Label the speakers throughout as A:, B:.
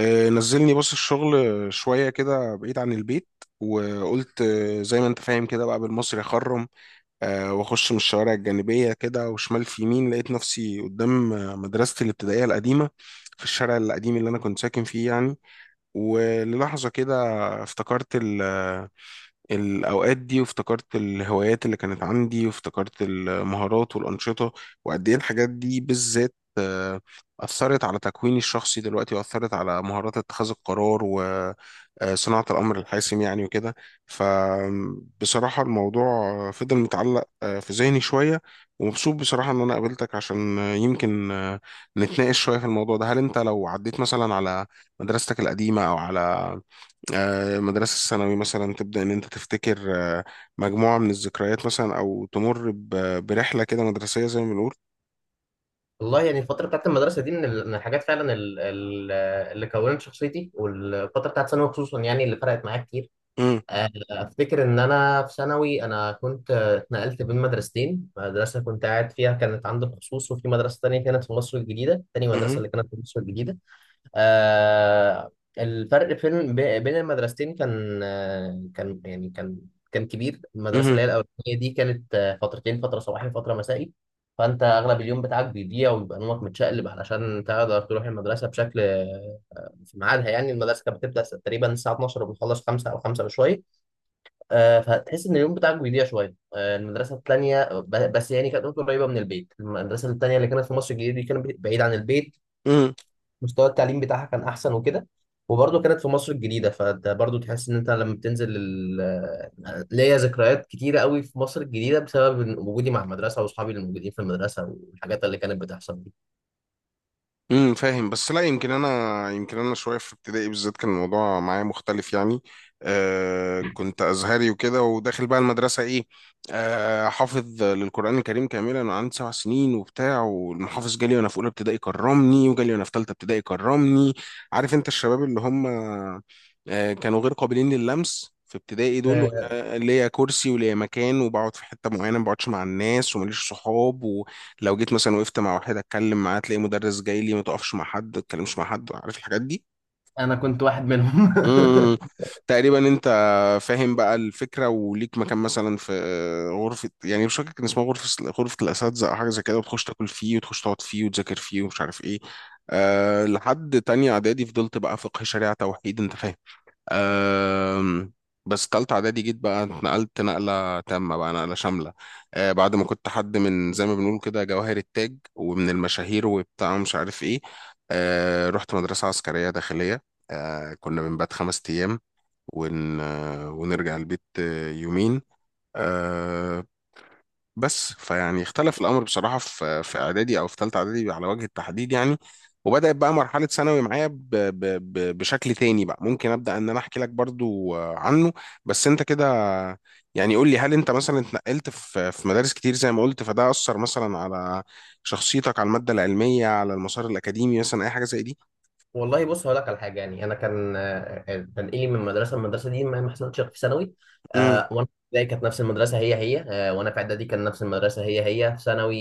A: نزلني بص الشغل شوية كده بعيد عن البيت. وقلت زي ما انت فاهم كده بقى بالمصري اخرم. واخش من الشوارع الجانبية كده وشمال في يمين لقيت نفسي قدام مدرستي الابتدائية القديمة في الشارع القديم اللي انا كنت ساكن فيه يعني. وللحظة كده افتكرت الأوقات دي، وافتكرت الهوايات اللي كانت عندي، وافتكرت المهارات والأنشطة، وقد إيه الحاجات دي بالذات أثرت على تكويني الشخصي دلوقتي، وأثرت على مهارات اتخاذ القرار وصناعة الأمر الحاسم يعني وكده. فبصراحة الموضوع فضل متعلق في ذهني شوية، ومبسوط بصراحة إن أنا قابلتك عشان آه، يمكن آه، نتناقش شوية في الموضوع ده. هل أنت لو عديت مثلا على مدرستك القديمة أو على مدرسة الثانوي مثلا، تبدأ إن أنت تفتكر مجموعة من الذكريات مثلا، أو تمر برحلة كده مدرسية زي ما بنقول؟
B: والله يعني الفترة بتاعت المدرسة دي من الحاجات فعلا اللي كونت شخصيتي، والفترة بتاعت ثانوي خصوصا يعني اللي فرقت معايا كتير.
A: مم.
B: أفتكر إن أنا في ثانوي أنا كنت اتنقلت بين مدرستين، مدرسة كنت قاعد فيها كانت عندي خصوص، وفي مدرسة تانية كانت في مصر الجديدة، تاني مدرسة
A: مهم.
B: اللي كانت في مصر الجديدة. آه، الفرق فين بين المدرستين كان، يعني كان كبير. المدرسة
A: مهم.
B: اللي هي الأولانية دي كانت فترتين، فترة صباحي وفترة مسائي، فأنت أغلب اليوم بتاعك بيضيع ويبقى نومك متشقلب علشان تقدر تروح المدرسة بشكل في ميعادها. يعني المدرسة كانت بتبدأ تقريبا الساعة 12 وبنخلص 5 أو 5 وشوية، فتحس إن اليوم بتاعك بيضيع شوية. المدرسة التانية بس يعني كانت قريبة من البيت، المدرسة التانية اللي كانت في مصر الجديدة دي كانت بعيدة عن البيت،
A: مهم.
B: مستوى التعليم بتاعها كان احسن وكده. وبرضه كانت في مصر الجديدة، فانت برضه تحس ان انت لما بتنزل ليا ذكريات كتيرة قوي في مصر الجديدة بسبب إن وجودي مع المدرسة واصحابي اللي موجودين في المدرسة والحاجات اللي كانت بتحصل دي.
A: فاهم، بس لا، يمكن انا شويه في ابتدائي بالذات كان الموضوع معايا مختلف يعني. كنت ازهري وكده، وداخل بقى المدرسه ايه، حافظ للقران الكريم كاملا انا عندي سبع سنين وبتاع، والمحافظ جالي وانا في اولى ابتدائي كرمني، وجالي وانا في ثالثه ابتدائي كرمني. عارف انت الشباب اللي هم كانوا غير قابلين للمس في ابتدائي دول،
B: آه،
A: وانا ليا كرسي وليا مكان وبقعد في حته معينه، ما بقعدش مع الناس وماليش صحاب. لو جيت مثلا وقفت مع واحد اتكلم معاه تلاقي مدرس جاي لي، ما تقفش مع حد، ما تتكلمش مع حد، عارف الحاجات دي.
B: انا كنت واحد منهم.
A: امم، تقريبا انت فاهم بقى الفكره، وليك مكان مثلا في غرفه، يعني مش فاكر كان اسمها غرفه الاساتذه او حاجه زي كده، وتخش تاكل فيه، وتخش تقعد فيه، وتذاكر فيه ومش عارف ايه. لحد تانية اعدادي فضلت بقى فقه شريعه توحيد، انت فاهم. أم. بس تالتة إعدادي جيت بقى اتنقلت نقلة تامة بقى، نقلة شاملة. بعد ما كنت حد من زي ما بنقول كده جواهر التاج ومن المشاهير وبتاع مش عارف إيه، رحت مدرسة عسكرية داخلية. كنا بنبات خمس أيام ون... آه، ونرجع البيت يومين. آه، بس فيعني اختلف الامر بصراحه في اعدادي او في ثالثه اعدادي على وجه التحديد يعني. وبدات بقى مرحله ثانوي معايا ب ب ب بشكل تاني بقى. ممكن ابدا ان انا احكي لك برضو عنه، بس انت كده يعني قول لي، هل انت مثلا اتنقلت في مدارس كتير زي ما قلت، فده اثر مثلا على شخصيتك، على الماده العلميه، على المسار الاكاديمي مثلا، اي حاجه زي دي؟
B: والله بص، هقول لك على حاجه. يعني انا كان تنقلي من مدرسه لمدرسه دي ما حصلتش غير في ثانوي.
A: امم.
B: وانا في ابتدائي كانت نفس المدرسه هي هي، وانا في اعدادي كان نفس المدرسه هي هي. في ثانوي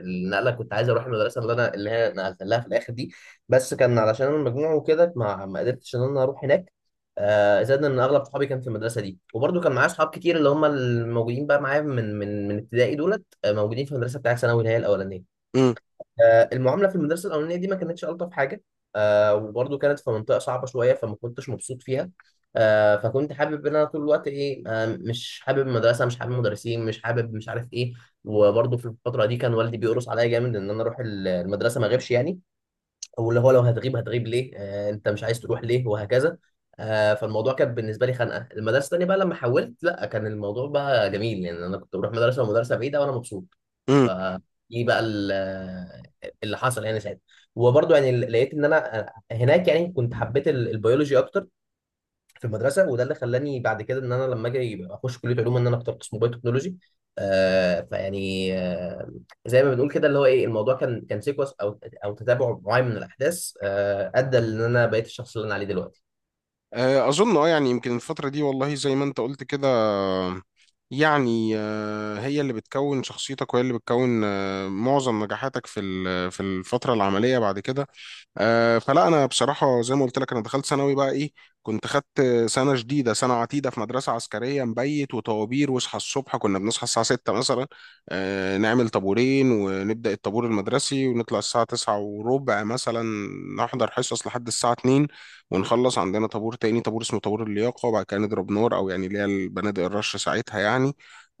B: النقله، كنت عايز اروح المدرسه اللي هي نقلت لها في الاخر دي، بس كان علشان انا المجموع وكده ما قدرتش ان انا اروح هناك. زائد ان اغلب صحابي كان في المدرسه دي، وبرده كان معايا اصحاب كتير اللي هم الموجودين بقى معايا من من ابتدائي دولت، موجودين في المدرسه بتاعت ثانوي اللي هي الاولانيه.
A: امم.
B: المعامله في المدرسه الاولانيه دي ما كانتش الطف حاجه، وبرضه كانت في منطقه صعبه شويه فما كنتش مبسوط فيها. فكنت حابب ان انا طول الوقت ايه، مش حابب المدرسه، مش حابب المدرسين، مش حابب مش عارف ايه. وبرضه في الفتره دي كان والدي بيقرص عليا جامد ان انا اروح المدرسه ما اغيبش يعني، واللي هو لو هتغيب هتغيب ليه، انت مش عايز تروح ليه وهكذا. فالموضوع كان بالنسبه لي خنقه. المدرسه الثانيه بقى لما حولت لا، كان الموضوع بقى جميل، يعني انا كنت بروح مدرسه ومدرسه بعيده وانا مبسوط. ف
A: امم.
B: دي بقى ال- اللي حصل يعني ساعتها. وبرضه يعني لقيت ان انا هناك يعني كنت حبيت البيولوجي اكتر في المدرسه، وده اللي خلاني بعد كده ان انا لما اجي اخش كليه علوم ان انا اخترت اسمه بايو تكنولوجي. آه فيعني آه زي ما بنقول كده اللي هو ايه، الموضوع كان سيكونس او تتابع معين من الاحداث، آه، ادى ان انا بقيت الشخص اللي انا عليه دلوقتي.
A: أظن يعني يمكن الفترة دي، والله زي ما أنت قلت كده، يعني هي اللي بتكون شخصيتك، وهي اللي بتكون معظم نجاحاتك في في الفترة العملية بعد كده. فلا انا بصراحه زي ما قلت لك، انا دخلت ثانوي بقى ايه، كنت خدت سنه جديده، سنه عتيده، في مدرسه عسكريه، مبيت وطوابير، واصحى الصبح، كنا بنصحى الساعه 6 مثلا، نعمل طابورين ونبدا الطابور المدرسي، ونطلع الساعه 9 وربع مثلا، نحضر حصص لحد الساعه 2، ونخلص عندنا طابور تاني، طابور اسمه طابور اللياقه، وبعد كده نضرب نار، او يعني اللي هي البنادق الرش ساعتها يعني.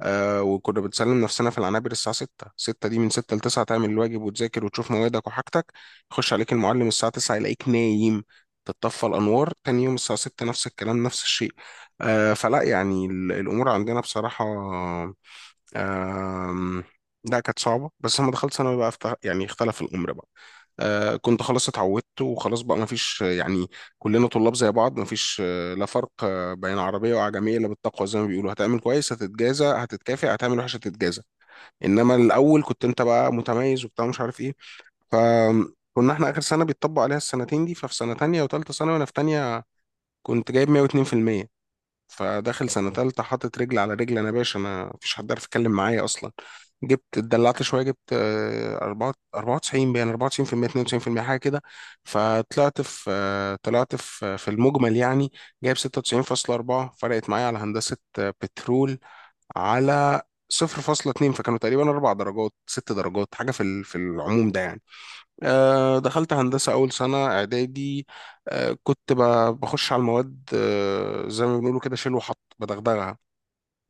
A: وكنا بنسلم نفسنا في العنابر الساعة 6. 6 دي من 6 ل 9 تعمل الواجب وتذاكر وتشوف موادك وحاجتك. يخش عليك المعلم الساعة 9 يلاقيك نايم، تتطفى الأنوار، تاني يوم الساعة 6 نفس الكلام نفس الشيء. فلا يعني الأمور عندنا بصراحة، آم، لا كانت صعبة. بس لما دخلت ثانوي بقى يعني اختلف الأمر بقى، كنت خلاص اتعودت، وخلاص بقى مفيش يعني، كلنا طلاب زي بعض، مفيش لا فرق بين عربية وعجمية إلا بالتقوى زي ما بيقولوا. هتعمل كويس هتتجازى هتتكافئ، هتعمل وحش هتتجازى. إنما الأول كنت أنت بقى متميز وبتاع مش عارف إيه. فكنا احنا اخر سنه بيتطبق عليها السنتين دي، ففي سنه تانية وتالتة ثانوي، وانا في تانية كنت جايب 102%. فداخل سنه تالتة حاطط رجل على رجل، انا يا باشا انا مفيش حد عارف يتكلم معايا اصلا. جبت اتدلعت شويه، جبت 4 94 بين 94% 92% حاجه كده. فطلعت في آه، طلعت في آه، في المجمل يعني جايب 96.4، فرقت معايا على هندسه بترول على 0.2، فكانوا تقريبا اربع درجات ست درجات حاجه في في العموم ده يعني. دخلت هندسة أول سنة إعدادي، كنت بخش على المواد زي ما بنقولوا كده، شيل وحط بدغدغها.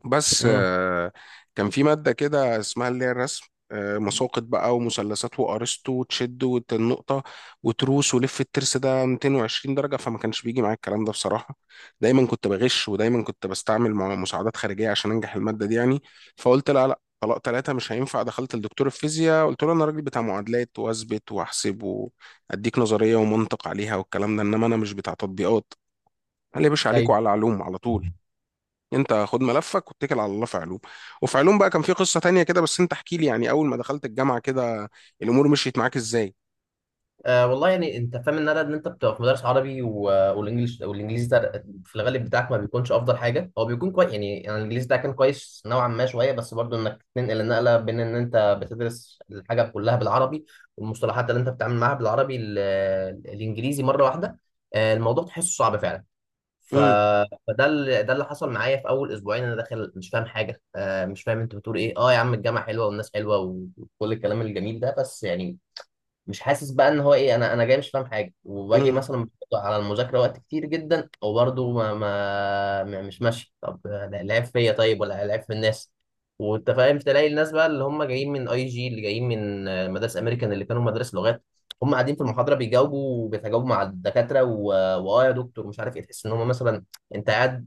A: بس
B: امم،
A: كان في مادة كده اسمها اللي هي الرسم، مساقط بقى ومثلثات وأرسطو وتشد والنقطة وتروس ولف الترس ده 220 درجة. فما كانش بيجي معايا الكلام ده بصراحة، دايما كنت بغش، ودايما كنت بستعمل مع مساعدات خارجية عشان أنجح المادة دي يعني. فقلت لا لا، طلاق ثلاثة مش هينفع، دخلت لدكتور الفيزياء قلت له أنا راجل بتاع معادلات، وأثبت وأحسب وأديك نظرية ومنطق عليها والكلام ده، إنما أنا مش بتاع تطبيقات. قال لي يا باشا عليك وعلى علوم على طول، انت خد ملفك واتكل على الله في علوم. وفي علوم بقى كان في قصة تانية كده، بس انت احكي لي يعني، اول ما دخلت الجامعة كده الامور مشيت معاك ازاي؟
B: آه، والله يعني انت فاهم ان انا ان انت بتبقى في مدرس عربي والانجليش والانجليزي ده في الغالب بتاعك ما بيكونش افضل حاجه، هو بيكون كويس يعني. يعني الانجليزي ده كان كويس نوعا ما شويه، بس برضو انك تنقل النقله بين ان انت بتدرس الحاجه كلها بالعربي والمصطلحات اللي انت بتتعامل معاها بالعربي، الانجليزي مره واحده، آه الموضوع تحسه صعب فعلا. ف...
A: امم.
B: فده اللي ده اللي حصل معايا في اول اسبوعين. انا داخل مش فاهم حاجه، مش فاهم انت بتقول ايه، اه يا عم الجامعه حلوه والناس حلوه وكل الكلام الجميل ده، بس يعني مش حاسس بقى ان هو ايه. انا جاي مش فاهم حاجه، وباجي مثلا بحط على المذاكره وقت كتير جدا وبرضه مش ماشي. طب لا- العيب فيا طيب ولا العيب في الناس؟ وانت فاهم، تلاقي الناس بقى اللي هم جايين من اي جي، اللي جايين من مدارس امريكان اللي كانوا مدارس لغات، هم قاعدين في المحاضره بيجاوبوا وبيتجاوبوا مع الدكاتره، واه يا دكتور مش عارف ايه. تحس ان هم مثلا، انت قاعد،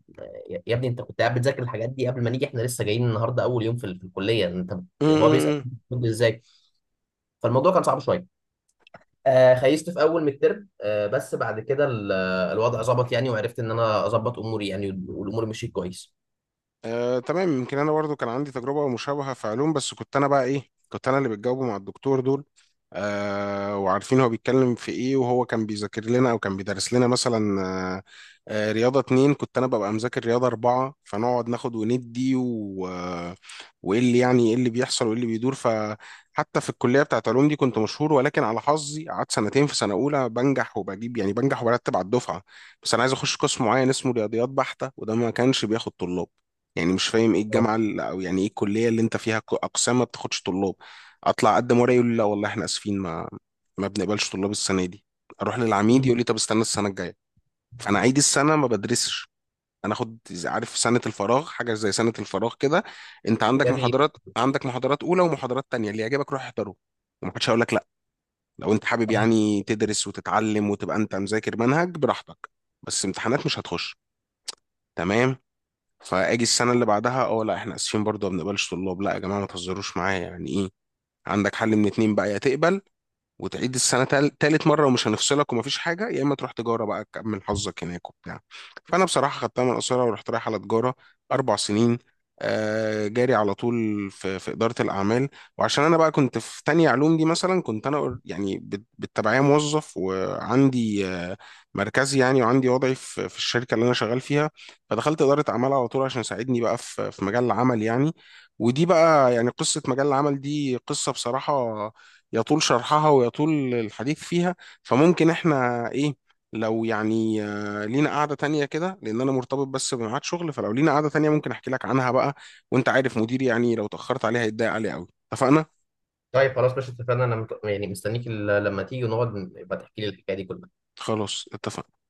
B: يا ابني انت كنت قاعد بتذاكر الحاجات دي قبل ما نيجي، احنا لسه جايين النهارده اول يوم في في الكليه. انت هو بيسال
A: امم.
B: ازاي؟ فالموضوع كان صعب شويه. آه، خيست في اول من الترم، آه، بس بعد كده الوضع ظبط يعني، وعرفت ان انا اظبط اموري يعني، والامور مشيت كويس.
A: تمام. يمكن انا برضو كان عندي تجربه مشابهه في علوم، بس كنت انا بقى ايه، كنت انا اللي بتجاوبه مع الدكتور دول، وعارفين هو بيتكلم في ايه. وهو كان بيذاكر لنا او كان بيدرس لنا مثلا رياضه اتنين، كنت انا ببقى مذاكر رياضه اربعه، فنقعد ناخد وندي و آه، وايه اللي يعني ايه اللي بيحصل وايه اللي بيدور. فحتى في الكليه بتاعت علوم دي كنت مشهور، ولكن على حظي قعدت سنتين في سنه اولى، بنجح وبجيب يعني، بنجح وبرتب على الدفعه. بس انا عايز اخش قسم معين اسمه رياضيات بحته، وده ما كانش بياخد طلاب، يعني مش فاهم ايه
B: اه،
A: الجامعه اللي، او يعني ايه الكليه اللي انت فيها اقسام ما بتاخدش طلاب. اطلع اقدم ورقه يقول لي لا والله احنا اسفين، ما ما بنقبلش طلاب السنه دي. اروح للعميد يقول
B: مم.
A: لي طب استنى السنه الجايه. فانا عيد السنه ما بدرسش، انا اخد عارف سنه الفراغ، حاجه زي سنه الفراغ كده. انت عندك
B: جابي.
A: محاضرات، عندك محاضرات اولى ومحاضرات تانية، اللي يعجبك روح احضره، ومحدش هيقول لك لا. لو انت حابب يعني تدرس وتتعلم وتبقى انت مذاكر منهج براحتك، بس امتحانات مش هتخش، تمام. فاجي السنه اللي بعدها، اه لا احنا اسفين برضه ما بنقبلش طلاب. لا يا جماعه ما تهزروش معايا، يعني ايه؟ عندك حل من اتنين بقى، يا تقبل وتعيد السنة تالت مرة، ومش هنفصلك ومفيش حاجة، يا إما تروح تجارة بقى تكمل حظك هناك وبتاع. فأنا بصراحة خدتها من قصيرة ورحت رايح على تجارة، أربع سنين جاري على طول في, إدارة الأعمال. وعشان أنا بقى كنت في تانية علوم دي، مثلا كنت أنا يعني بالتبعية موظف، وعندي مركزي يعني، وعندي وضعي في, الشركة اللي أنا شغال فيها. فدخلت إدارة أعمال على طول عشان يساعدني بقى في, مجال العمل يعني. ودي بقى يعني قصة مجال العمل دي، قصة بصراحة يطول شرحها ويطول الحديث فيها. فممكن احنا ايه، لو يعني لينا قعدة تانية كده، لأن أنا مرتبط بس بميعاد شغل، فلو لينا قعدة تانية ممكن أحكي لك عنها بقى. وأنت عارف مديري يعني لو تأخرت عليها هيتضايق عليه أوي. اتفقنا؟
B: طيب خلاص ماشي، اتفقنا. انا يعني مستنيك لما تيجي ونقعد يبقى تحكي لي الحكايه دي كلها.
A: خلاص اتفقنا.